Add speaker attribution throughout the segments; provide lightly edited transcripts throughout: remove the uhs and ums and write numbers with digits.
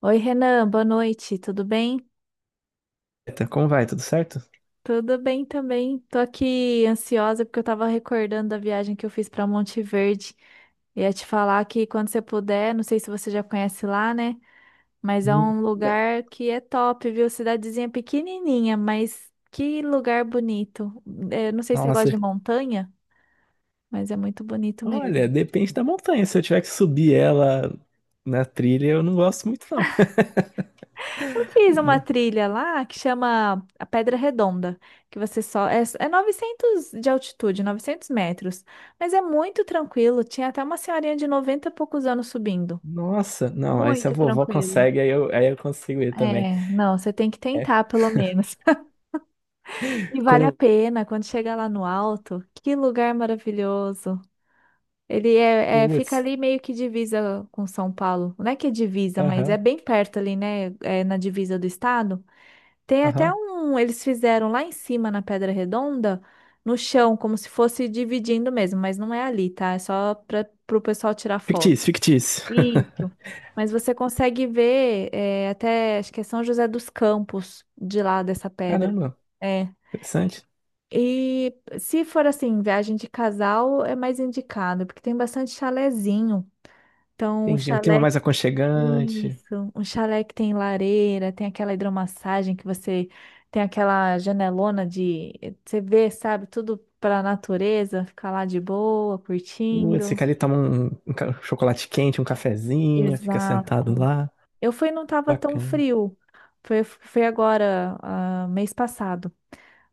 Speaker 1: Oi, Renan, boa noite, tudo bem?
Speaker 2: Eita, como vai? Tudo certo?
Speaker 1: Tudo bem também. Tô aqui ansiosa porque eu tava recordando da viagem que eu fiz pra Monte Verde. Ia te falar que quando você puder, não sei se você já conhece lá, né? Mas é um
Speaker 2: Não.
Speaker 1: lugar que é top, viu? Cidadezinha pequenininha, mas que lugar bonito. É, não sei se você gosta
Speaker 2: Nossa,
Speaker 1: de montanha, mas é muito bonito mesmo.
Speaker 2: olha, depende da montanha. Se eu tiver que subir ela na trilha, eu não gosto muito, não.
Speaker 1: Eu fiz uma
Speaker 2: Ma-
Speaker 1: trilha lá que chama a Pedra Redonda, que você só é 900 de altitude, 900 metros, mas é muito tranquilo. Tinha até uma senhorinha de 90 e poucos anos subindo.
Speaker 2: Nossa, não, aí se a
Speaker 1: Muito
Speaker 2: vovó
Speaker 1: tranquilo.
Speaker 2: consegue, aí eu consigo ir também.
Speaker 1: É, não, você tem que
Speaker 2: É,
Speaker 1: tentar pelo menos. E
Speaker 2: quando
Speaker 1: vale a
Speaker 2: eu.
Speaker 1: pena quando chega lá no alto. Que lugar maravilhoso. Ele fica
Speaker 2: Putz,
Speaker 1: ali meio que divisa com São Paulo. Não é que é divisa, mas é
Speaker 2: aham,
Speaker 1: bem perto ali, né? É na divisa do estado. Tem até
Speaker 2: aham.
Speaker 1: um, eles fizeram lá em cima na Pedra Redonda, no chão, como se fosse dividindo mesmo, mas não é ali, tá? É só para o pessoal tirar foto.
Speaker 2: Fictício, fictício.
Speaker 1: Isso. Mas você consegue ver é, até, acho que é São José dos Campos, de lá dessa pedra.
Speaker 2: Caramba,
Speaker 1: É.
Speaker 2: interessante.
Speaker 1: E se for assim, viagem de casal, é mais indicado, porque tem bastante chalezinho. Então, o
Speaker 2: Entendi. Um clima
Speaker 1: chalé
Speaker 2: mais aconchegante.
Speaker 1: isso, um chalé que tem lareira, tem aquela hidromassagem que você tem aquela janelona de você vê, sabe, tudo para natureza, ficar lá de boa,
Speaker 2: Putz,
Speaker 1: curtindo.
Speaker 2: fica
Speaker 1: Sim.
Speaker 2: ali, toma um chocolate quente, um cafezinho, fica sentado
Speaker 1: Exato.
Speaker 2: lá.
Speaker 1: Eu fui, e não tava tão
Speaker 2: Bacana.
Speaker 1: frio. Foi agora, ah, mês passado.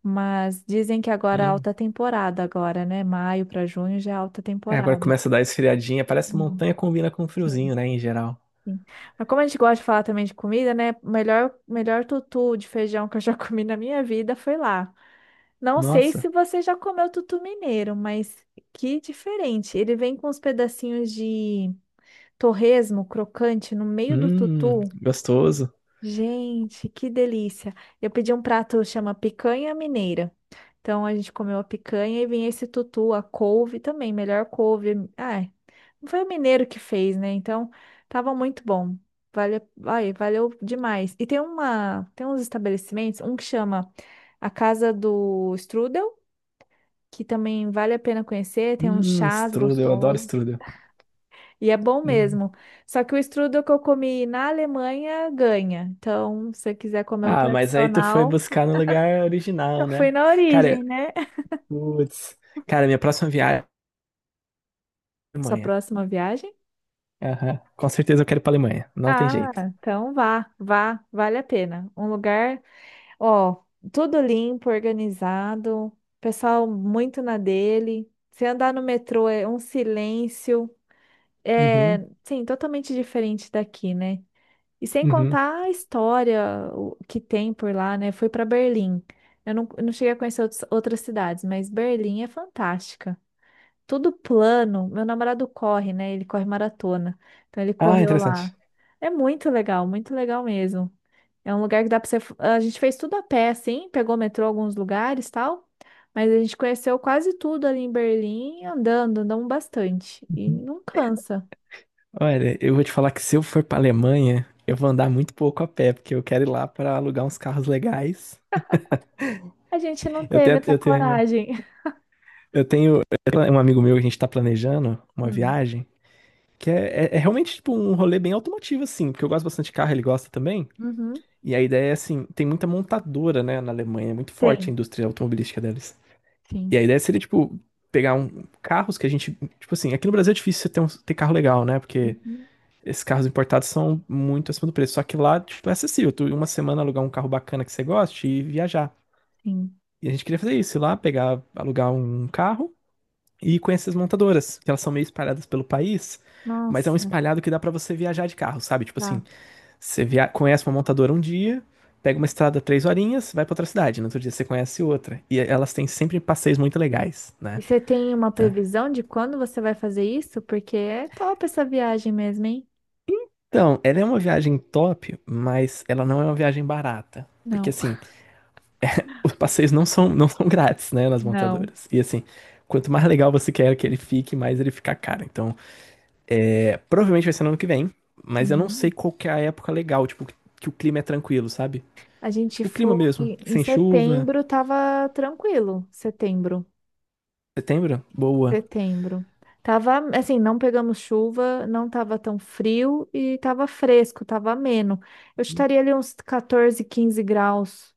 Speaker 1: Mas dizem que agora é
Speaker 2: Hum.
Speaker 1: alta temporada agora, né? Maio para junho já é alta
Speaker 2: É, agora
Speaker 1: temporada.
Speaker 2: começa a dar esfriadinha. Parece
Speaker 1: Sim.
Speaker 2: montanha combina com
Speaker 1: Sim.
Speaker 2: friozinho, né, em geral.
Speaker 1: Sim. Mas como a gente gosta de falar também de comida, né? O melhor, melhor tutu de feijão que eu já comi na minha vida foi lá. Não sei se
Speaker 2: Nossa.
Speaker 1: você já comeu tutu mineiro, mas que diferente. Ele vem com uns pedacinhos de torresmo crocante no meio do tutu.
Speaker 2: Gostoso.
Speaker 1: Gente, que delícia. Eu pedi um prato chama picanha mineira. Então a gente comeu a picanha e vinha esse tutu, a couve também, melhor couve. Ai, não foi o mineiro que fez, né? Então tava muito bom. Vale, ai, valeu demais. E tem uma, tem uns estabelecimentos, um que chama a Casa do Strudel, que também vale a pena conhecer, tem uns chás
Speaker 2: Strudel, eu adoro
Speaker 1: gostosos.
Speaker 2: strudel.
Speaker 1: E é bom
Speaker 2: Hum.
Speaker 1: mesmo. Só que o strudel que eu comi na Alemanha ganha. Então, se você quiser comer o
Speaker 2: Ah, mas aí tu foi
Speaker 1: tradicional,
Speaker 2: buscar no lugar
Speaker 1: eu
Speaker 2: original,
Speaker 1: fui
Speaker 2: né?
Speaker 1: na origem,
Speaker 2: Cara,
Speaker 1: né?
Speaker 2: putz. Cara, minha próxima viagem é a
Speaker 1: Sua
Speaker 2: Alemanha.
Speaker 1: próxima viagem?
Speaker 2: Aham. Com certeza eu quero ir pra Alemanha. Não tem
Speaker 1: Ah,
Speaker 2: jeito.
Speaker 1: então vá, vá, vale a pena. Um lugar, ó, tudo limpo, organizado, pessoal muito na dele. Se andar no metrô é um silêncio, é,
Speaker 2: Uhum,
Speaker 1: sim, totalmente diferente daqui, né? E sem
Speaker 2: uhum.
Speaker 1: contar a história que tem por lá, né? Fui para Berlim. Eu não cheguei a conhecer outras cidades, mas Berlim é fantástica. Tudo plano. Meu namorado corre, né? Ele corre maratona. Então ele
Speaker 2: Ah,
Speaker 1: correu
Speaker 2: interessante.
Speaker 1: lá. É muito legal mesmo. É um lugar que dá para você. A gente fez tudo a pé, assim, pegou metrô em alguns lugares, tal. Mas a gente conheceu quase tudo ali em Berlim, andando, andamos bastante. E não cansa.
Speaker 2: Olha, eu vou te falar que se eu for pra Alemanha, eu vou andar muito pouco a pé, porque eu quero ir lá pra alugar uns carros legais.
Speaker 1: A gente não
Speaker 2: Eu
Speaker 1: teve
Speaker 2: tenho,
Speaker 1: essa
Speaker 2: eu tenho,
Speaker 1: coragem.
Speaker 2: eu tenho um amigo meu que a gente tá planejando uma
Speaker 1: Hum.
Speaker 2: viagem, que é realmente tipo um rolê bem automotivo, assim, porque eu gosto bastante de carro, ele gosta também.
Speaker 1: Uhum.
Speaker 2: E a ideia é assim, tem muita montadora, né, na Alemanha, é muito forte a
Speaker 1: Tem,
Speaker 2: indústria automobilística deles. E a
Speaker 1: sim.
Speaker 2: ideia seria, tipo, pegar carros que a gente. Tipo assim, aqui no Brasil é difícil você ter carro legal, né? Porque
Speaker 1: Uhum,
Speaker 2: esses carros importados são muito acima do preço. Só que lá, tipo, é acessível. Tu, em uma semana alugar um carro bacana que você goste e viajar.
Speaker 1: sim.
Speaker 2: E a gente queria fazer isso, ir lá, pegar, alugar um carro e com essas montadoras, que elas são meio espalhadas pelo país, mas é um
Speaker 1: Nossa,
Speaker 2: espalhado que dá pra você viajar de carro, sabe? Tipo
Speaker 1: tá.
Speaker 2: assim, conhece uma montadora um dia, pega uma estrada 3 horinhas, vai pra outra cidade, no outro dia você conhece outra. E elas têm sempre passeios muito legais,
Speaker 1: E
Speaker 2: né?
Speaker 1: você tem uma
Speaker 2: Tá.
Speaker 1: previsão de quando você vai fazer isso? Porque é top essa viagem mesmo, hein?
Speaker 2: Então, ela é uma viagem top, mas ela não é uma viagem barata. Porque
Speaker 1: Não,
Speaker 2: assim, os passeios não são grátis, né, nas
Speaker 1: não.
Speaker 2: montadoras. E assim, quanto mais legal você quer que ele fique, mais ele fica caro. Então, é, provavelmente vai ser no ano que vem, mas eu não sei
Speaker 1: Uhum.
Speaker 2: qual que é a época legal, tipo, que o clima é tranquilo, sabe?
Speaker 1: A gente
Speaker 2: Tipo, o clima
Speaker 1: foi
Speaker 2: mesmo,
Speaker 1: em
Speaker 2: sem chuva,
Speaker 1: setembro, tava tranquilo. Setembro,
Speaker 2: setembro, boa.
Speaker 1: setembro. Tava, assim, não pegamos chuva, não tava tão frio e tava fresco, tava ameno. Eu estaria ali uns 14, 15 graus.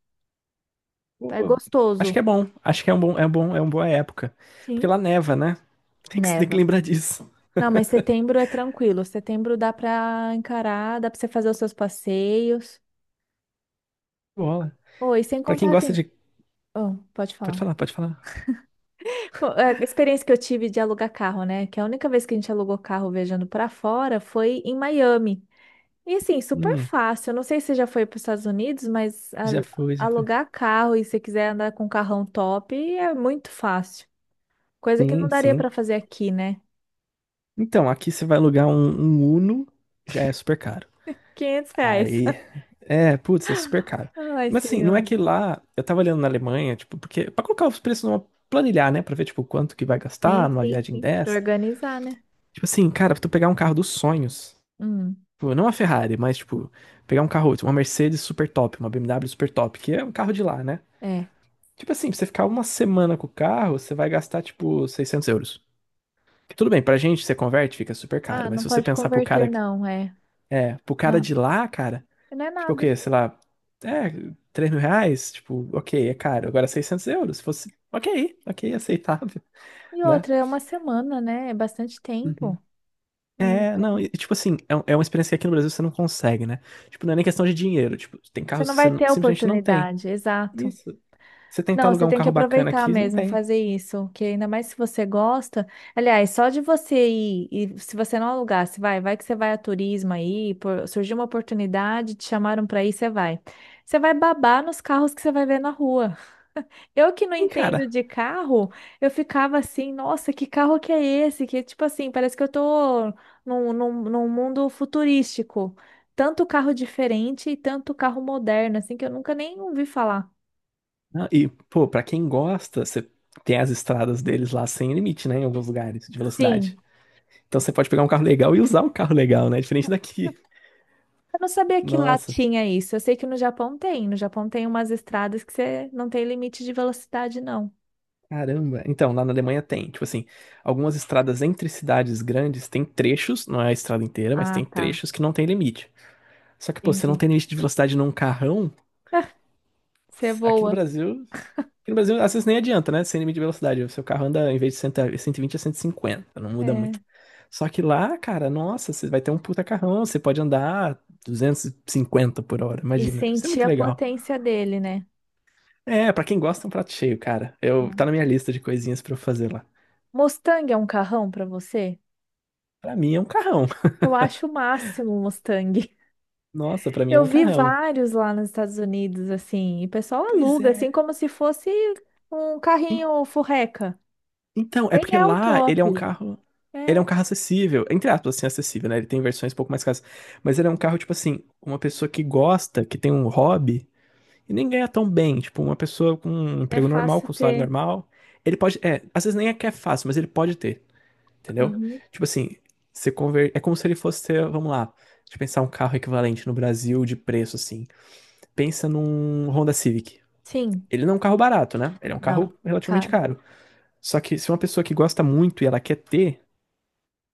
Speaker 1: É
Speaker 2: Pô, acho que
Speaker 1: gostoso.
Speaker 2: é bom, acho que é um bom, é uma boa época. Porque
Speaker 1: Sim.
Speaker 2: lá neva, né? Tem que
Speaker 1: Neva.
Speaker 2: lembrar disso.
Speaker 1: Não, mas setembro é tranquilo. Setembro dá pra encarar, dá pra você fazer os seus passeios.
Speaker 2: Bola.
Speaker 1: Oi, sem
Speaker 2: Pra quem
Speaker 1: contar
Speaker 2: gosta
Speaker 1: assim.
Speaker 2: de.
Speaker 1: Oh, pode
Speaker 2: Pode
Speaker 1: falar.
Speaker 2: falar, pode falar.
Speaker 1: A experiência que eu tive de alugar carro, né? Que a única vez que a gente alugou carro viajando pra fora foi em Miami. E assim, super
Speaker 2: Hum,
Speaker 1: fácil. Eu não sei se você já foi para os Estados Unidos, mas
Speaker 2: já foi, já foi.
Speaker 1: alugar carro e se quiser andar com um carrão top é muito fácil. Coisa que
Speaker 2: Sim,
Speaker 1: não daria
Speaker 2: sim.
Speaker 1: pra fazer aqui, né?
Speaker 2: Então, aqui você vai alugar um Uno, já é super caro.
Speaker 1: 500 reais.
Speaker 2: Aí. É, putz, é super caro.
Speaker 1: Ai,
Speaker 2: Mas assim, não é
Speaker 1: senhor.
Speaker 2: que lá. Eu tava olhando na Alemanha, tipo, porque. Pra colocar os preços numa. Planilhar, né? Pra ver, tipo, quanto que vai gastar
Speaker 1: Sim,
Speaker 2: numa
Speaker 1: sim,
Speaker 2: viagem
Speaker 1: sim. Pra
Speaker 2: dessa.
Speaker 1: organizar, né?
Speaker 2: Tipo assim, cara, pra tu pegar um carro dos sonhos.
Speaker 1: Hum.
Speaker 2: Tipo, não uma Ferrari, mas, tipo, pegar um carro, tipo, uma Mercedes super top, uma BMW super top, que é um carro de lá, né?
Speaker 1: É.
Speaker 2: Tipo assim, pra você ficar uma semana com o carro, você vai gastar, tipo, 600 euros. Tudo bem, pra gente, você converte, fica super caro.
Speaker 1: Ah,
Speaker 2: Mas
Speaker 1: não
Speaker 2: se você
Speaker 1: pode
Speaker 2: pensar pro
Speaker 1: converter,
Speaker 2: cara.
Speaker 1: não, é.
Speaker 2: É, pro cara
Speaker 1: Não,
Speaker 2: de lá, cara.
Speaker 1: não é
Speaker 2: Tipo o
Speaker 1: nada.
Speaker 2: quê? Sei lá. É, 3 mil reais? Tipo, ok, é caro. Agora 600 euros. Se fosse. Ok, ok, aceitável,
Speaker 1: E
Speaker 2: né?
Speaker 1: outra, é uma semana, né? É bastante
Speaker 2: Uhum.
Speaker 1: tempo. Você
Speaker 2: É, não, e, tipo assim, é uma experiência que aqui no Brasil você não consegue, né? Tipo, não é nem questão de dinheiro. Tipo, tem carros
Speaker 1: não
Speaker 2: que você
Speaker 1: vai ter a
Speaker 2: simplesmente não tem.
Speaker 1: oportunidade, exato.
Speaker 2: Isso. Você tentar
Speaker 1: Não,
Speaker 2: alugar
Speaker 1: você
Speaker 2: um
Speaker 1: tem que
Speaker 2: carro bacana
Speaker 1: aproveitar
Speaker 2: aqui, não
Speaker 1: mesmo,
Speaker 2: tem.
Speaker 1: fazer isso, que ainda mais se você gosta. Aliás, só de você ir, e se você não alugasse, vai, vai que você vai a turismo aí, surgiu uma oportunidade, te chamaram para ir, você vai. Você vai babar nos carros que você vai ver na rua. Eu que não
Speaker 2: Sim,
Speaker 1: entendo
Speaker 2: cara.
Speaker 1: de carro, eu ficava assim, nossa, que carro que é esse? Que tipo assim, parece que eu tô num mundo futurístico. Tanto carro diferente e tanto carro moderno, assim, que eu nunca nem ouvi falar.
Speaker 2: Não, e, pô, pra quem gosta, você tem as estradas deles lá sem limite, né? Em alguns lugares de
Speaker 1: Sim.
Speaker 2: velocidade. Então você pode pegar um carro legal e usar o carro legal, né? Diferente daqui.
Speaker 1: Eu não sabia que lá
Speaker 2: Nossa,
Speaker 1: tinha isso. Eu sei que no Japão tem. No Japão tem umas estradas que você não tem limite de velocidade, não.
Speaker 2: caramba. Então, lá na Alemanha tem, tipo assim, algumas estradas entre cidades grandes tem trechos, não é a estrada inteira, mas
Speaker 1: Ah,
Speaker 2: tem
Speaker 1: tá.
Speaker 2: trechos que não tem limite. Só que, pô, você não
Speaker 1: Entendi.
Speaker 2: tem limite de velocidade num carrão.
Speaker 1: Você
Speaker 2: Aqui no
Speaker 1: voa.
Speaker 2: Brasil, aqui no Brasil, às vezes nem adianta, né? Sem limite de velocidade. O seu carro anda, em vez de 100, 120, 150 não muda muito.
Speaker 1: É.
Speaker 2: Só que lá, cara, nossa, você vai ter um puta carrão, você pode andar 250 por hora,
Speaker 1: E
Speaker 2: imagina. Isso é
Speaker 1: sentir
Speaker 2: muito
Speaker 1: a
Speaker 2: legal.
Speaker 1: potência dele, né?
Speaker 2: É, pra quem gosta, é um prato cheio, cara. Eu, tá
Speaker 1: Hum.
Speaker 2: na minha lista de coisinhas pra eu fazer lá.
Speaker 1: Mustang é um carrão pra você?
Speaker 2: Pra mim é um carrão.
Speaker 1: Eu acho o máximo o Mustang.
Speaker 2: Nossa, pra mim é
Speaker 1: Eu
Speaker 2: um
Speaker 1: vi
Speaker 2: carrão.
Speaker 1: vários lá nos Estados Unidos, assim, e o pessoal
Speaker 2: Pois
Speaker 1: aluga, assim,
Speaker 2: é.
Speaker 1: como se fosse um carrinho furreca.
Speaker 2: Então, é
Speaker 1: Nem
Speaker 2: porque
Speaker 1: é o
Speaker 2: lá ele é um
Speaker 1: top.
Speaker 2: carro. Ele é um
Speaker 1: É,
Speaker 2: carro acessível, entre aspas, assim, acessível, né? Ele tem versões um pouco mais caras. Mas ele é um carro, tipo assim, uma pessoa que gosta, que tem um hobby, e nem ganha tão bem. Tipo, uma pessoa com um
Speaker 1: é
Speaker 2: emprego normal,
Speaker 1: fácil
Speaker 2: com um salário
Speaker 1: ter.
Speaker 2: normal. Ele pode. É, às vezes nem é que é fácil, mas ele pode ter, entendeu?
Speaker 1: Uhum.
Speaker 2: Tipo assim, é como se ele fosse ter, vamos lá, deixa eu pensar um carro equivalente no Brasil de preço, assim. Pensa num Honda Civic.
Speaker 1: Sim,
Speaker 2: Ele não é um carro barato, né? Ele é um carro
Speaker 1: não,
Speaker 2: relativamente
Speaker 1: cara,
Speaker 2: caro. Só que se uma pessoa que gosta muito e ela quer ter,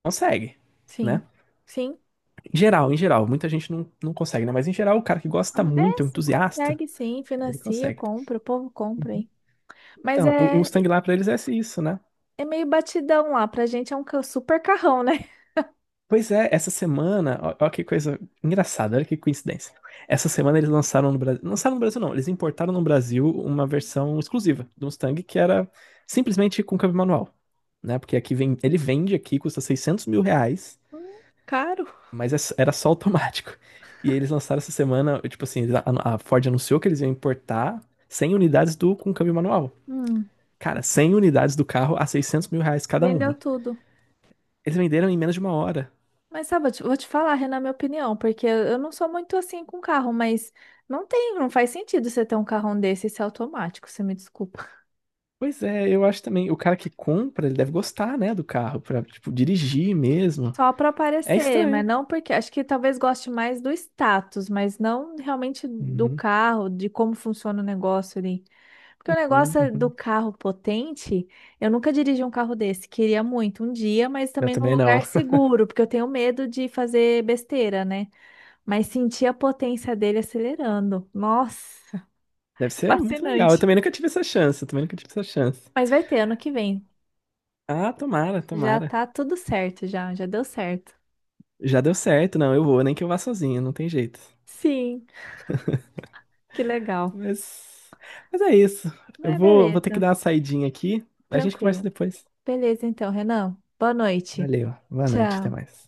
Speaker 2: consegue,
Speaker 1: sim,
Speaker 2: né?
Speaker 1: sim.
Speaker 2: Em geral, muita gente não consegue, né? Mas em geral, o cara que gosta
Speaker 1: É,
Speaker 2: muito, é um entusiasta,
Speaker 1: consegue sim,
Speaker 2: ele
Speaker 1: financia,
Speaker 2: consegue.
Speaker 1: compra, o povo compra,
Speaker 2: Uhum.
Speaker 1: hein? Mas
Speaker 2: Então, o
Speaker 1: é,
Speaker 2: Mustang lá pra eles é isso, né?
Speaker 1: é meio batidão lá, pra gente é um super carrão, né?
Speaker 2: Pois é, essa semana, ó, ó que coisa engraçada, olha que coincidência. Essa semana eles lançaram no Brasil não, eles importaram no Brasil uma versão exclusiva do Mustang que era simplesmente com câmbio manual, né? Porque aqui vem, ele vende aqui, custa 600 mil reais.
Speaker 1: Caro.
Speaker 2: Mas era só automático. E eles lançaram essa semana, tipo assim, eles a Ford anunciou que eles iam importar 100 unidades do com câmbio manual.
Speaker 1: Hum,
Speaker 2: Cara, 100 unidades do carro a 600 mil reais cada
Speaker 1: vendeu
Speaker 2: uma.
Speaker 1: tudo.
Speaker 2: Eles venderam em menos de uma hora.
Speaker 1: Mas sabe, vou te falar, Renan, minha opinião, porque eu não sou muito assim com carro, mas não tem, não faz sentido você ter um carrão desse e ser automático, você me desculpa.
Speaker 2: Pois é, eu acho também, o cara que compra, ele deve gostar, né, do carro, pra, tipo, dirigir mesmo.
Speaker 1: Só para
Speaker 2: É
Speaker 1: aparecer, mas
Speaker 2: estranho.
Speaker 1: não porque acho que talvez goste mais do status, mas não realmente do
Speaker 2: Uhum,
Speaker 1: carro, de como funciona o negócio ali. Porque o
Speaker 2: uhum,
Speaker 1: negócio é do
Speaker 2: uhum.
Speaker 1: carro potente, eu nunca dirigi um carro desse, queria muito um dia, mas
Speaker 2: Eu
Speaker 1: também num
Speaker 2: também não.
Speaker 1: lugar seguro, porque eu tenho medo de fazer besteira, né? Mas sentir a potência dele acelerando. Nossa.
Speaker 2: Deve ser muito legal. Eu
Speaker 1: Fascinante.
Speaker 2: também nunca tive essa chance, eu também nunca tive essa chance.
Speaker 1: Mas vai ter ano que vem.
Speaker 2: Ah, tomara,
Speaker 1: Já
Speaker 2: tomara.
Speaker 1: tá tudo certo, já, já deu certo.
Speaker 2: Já deu certo, não, eu vou, nem que eu vá sozinho, não tem jeito.
Speaker 1: Sim, que legal.
Speaker 2: Mas, mas é isso. Eu
Speaker 1: Mas
Speaker 2: vou ter que
Speaker 1: beleza,
Speaker 2: dar uma saidinha aqui. A gente conversa
Speaker 1: tranquilo.
Speaker 2: depois.
Speaker 1: Beleza então, Renan. Boa noite.
Speaker 2: Valeu. Boa noite. Até
Speaker 1: Tchau.
Speaker 2: mais.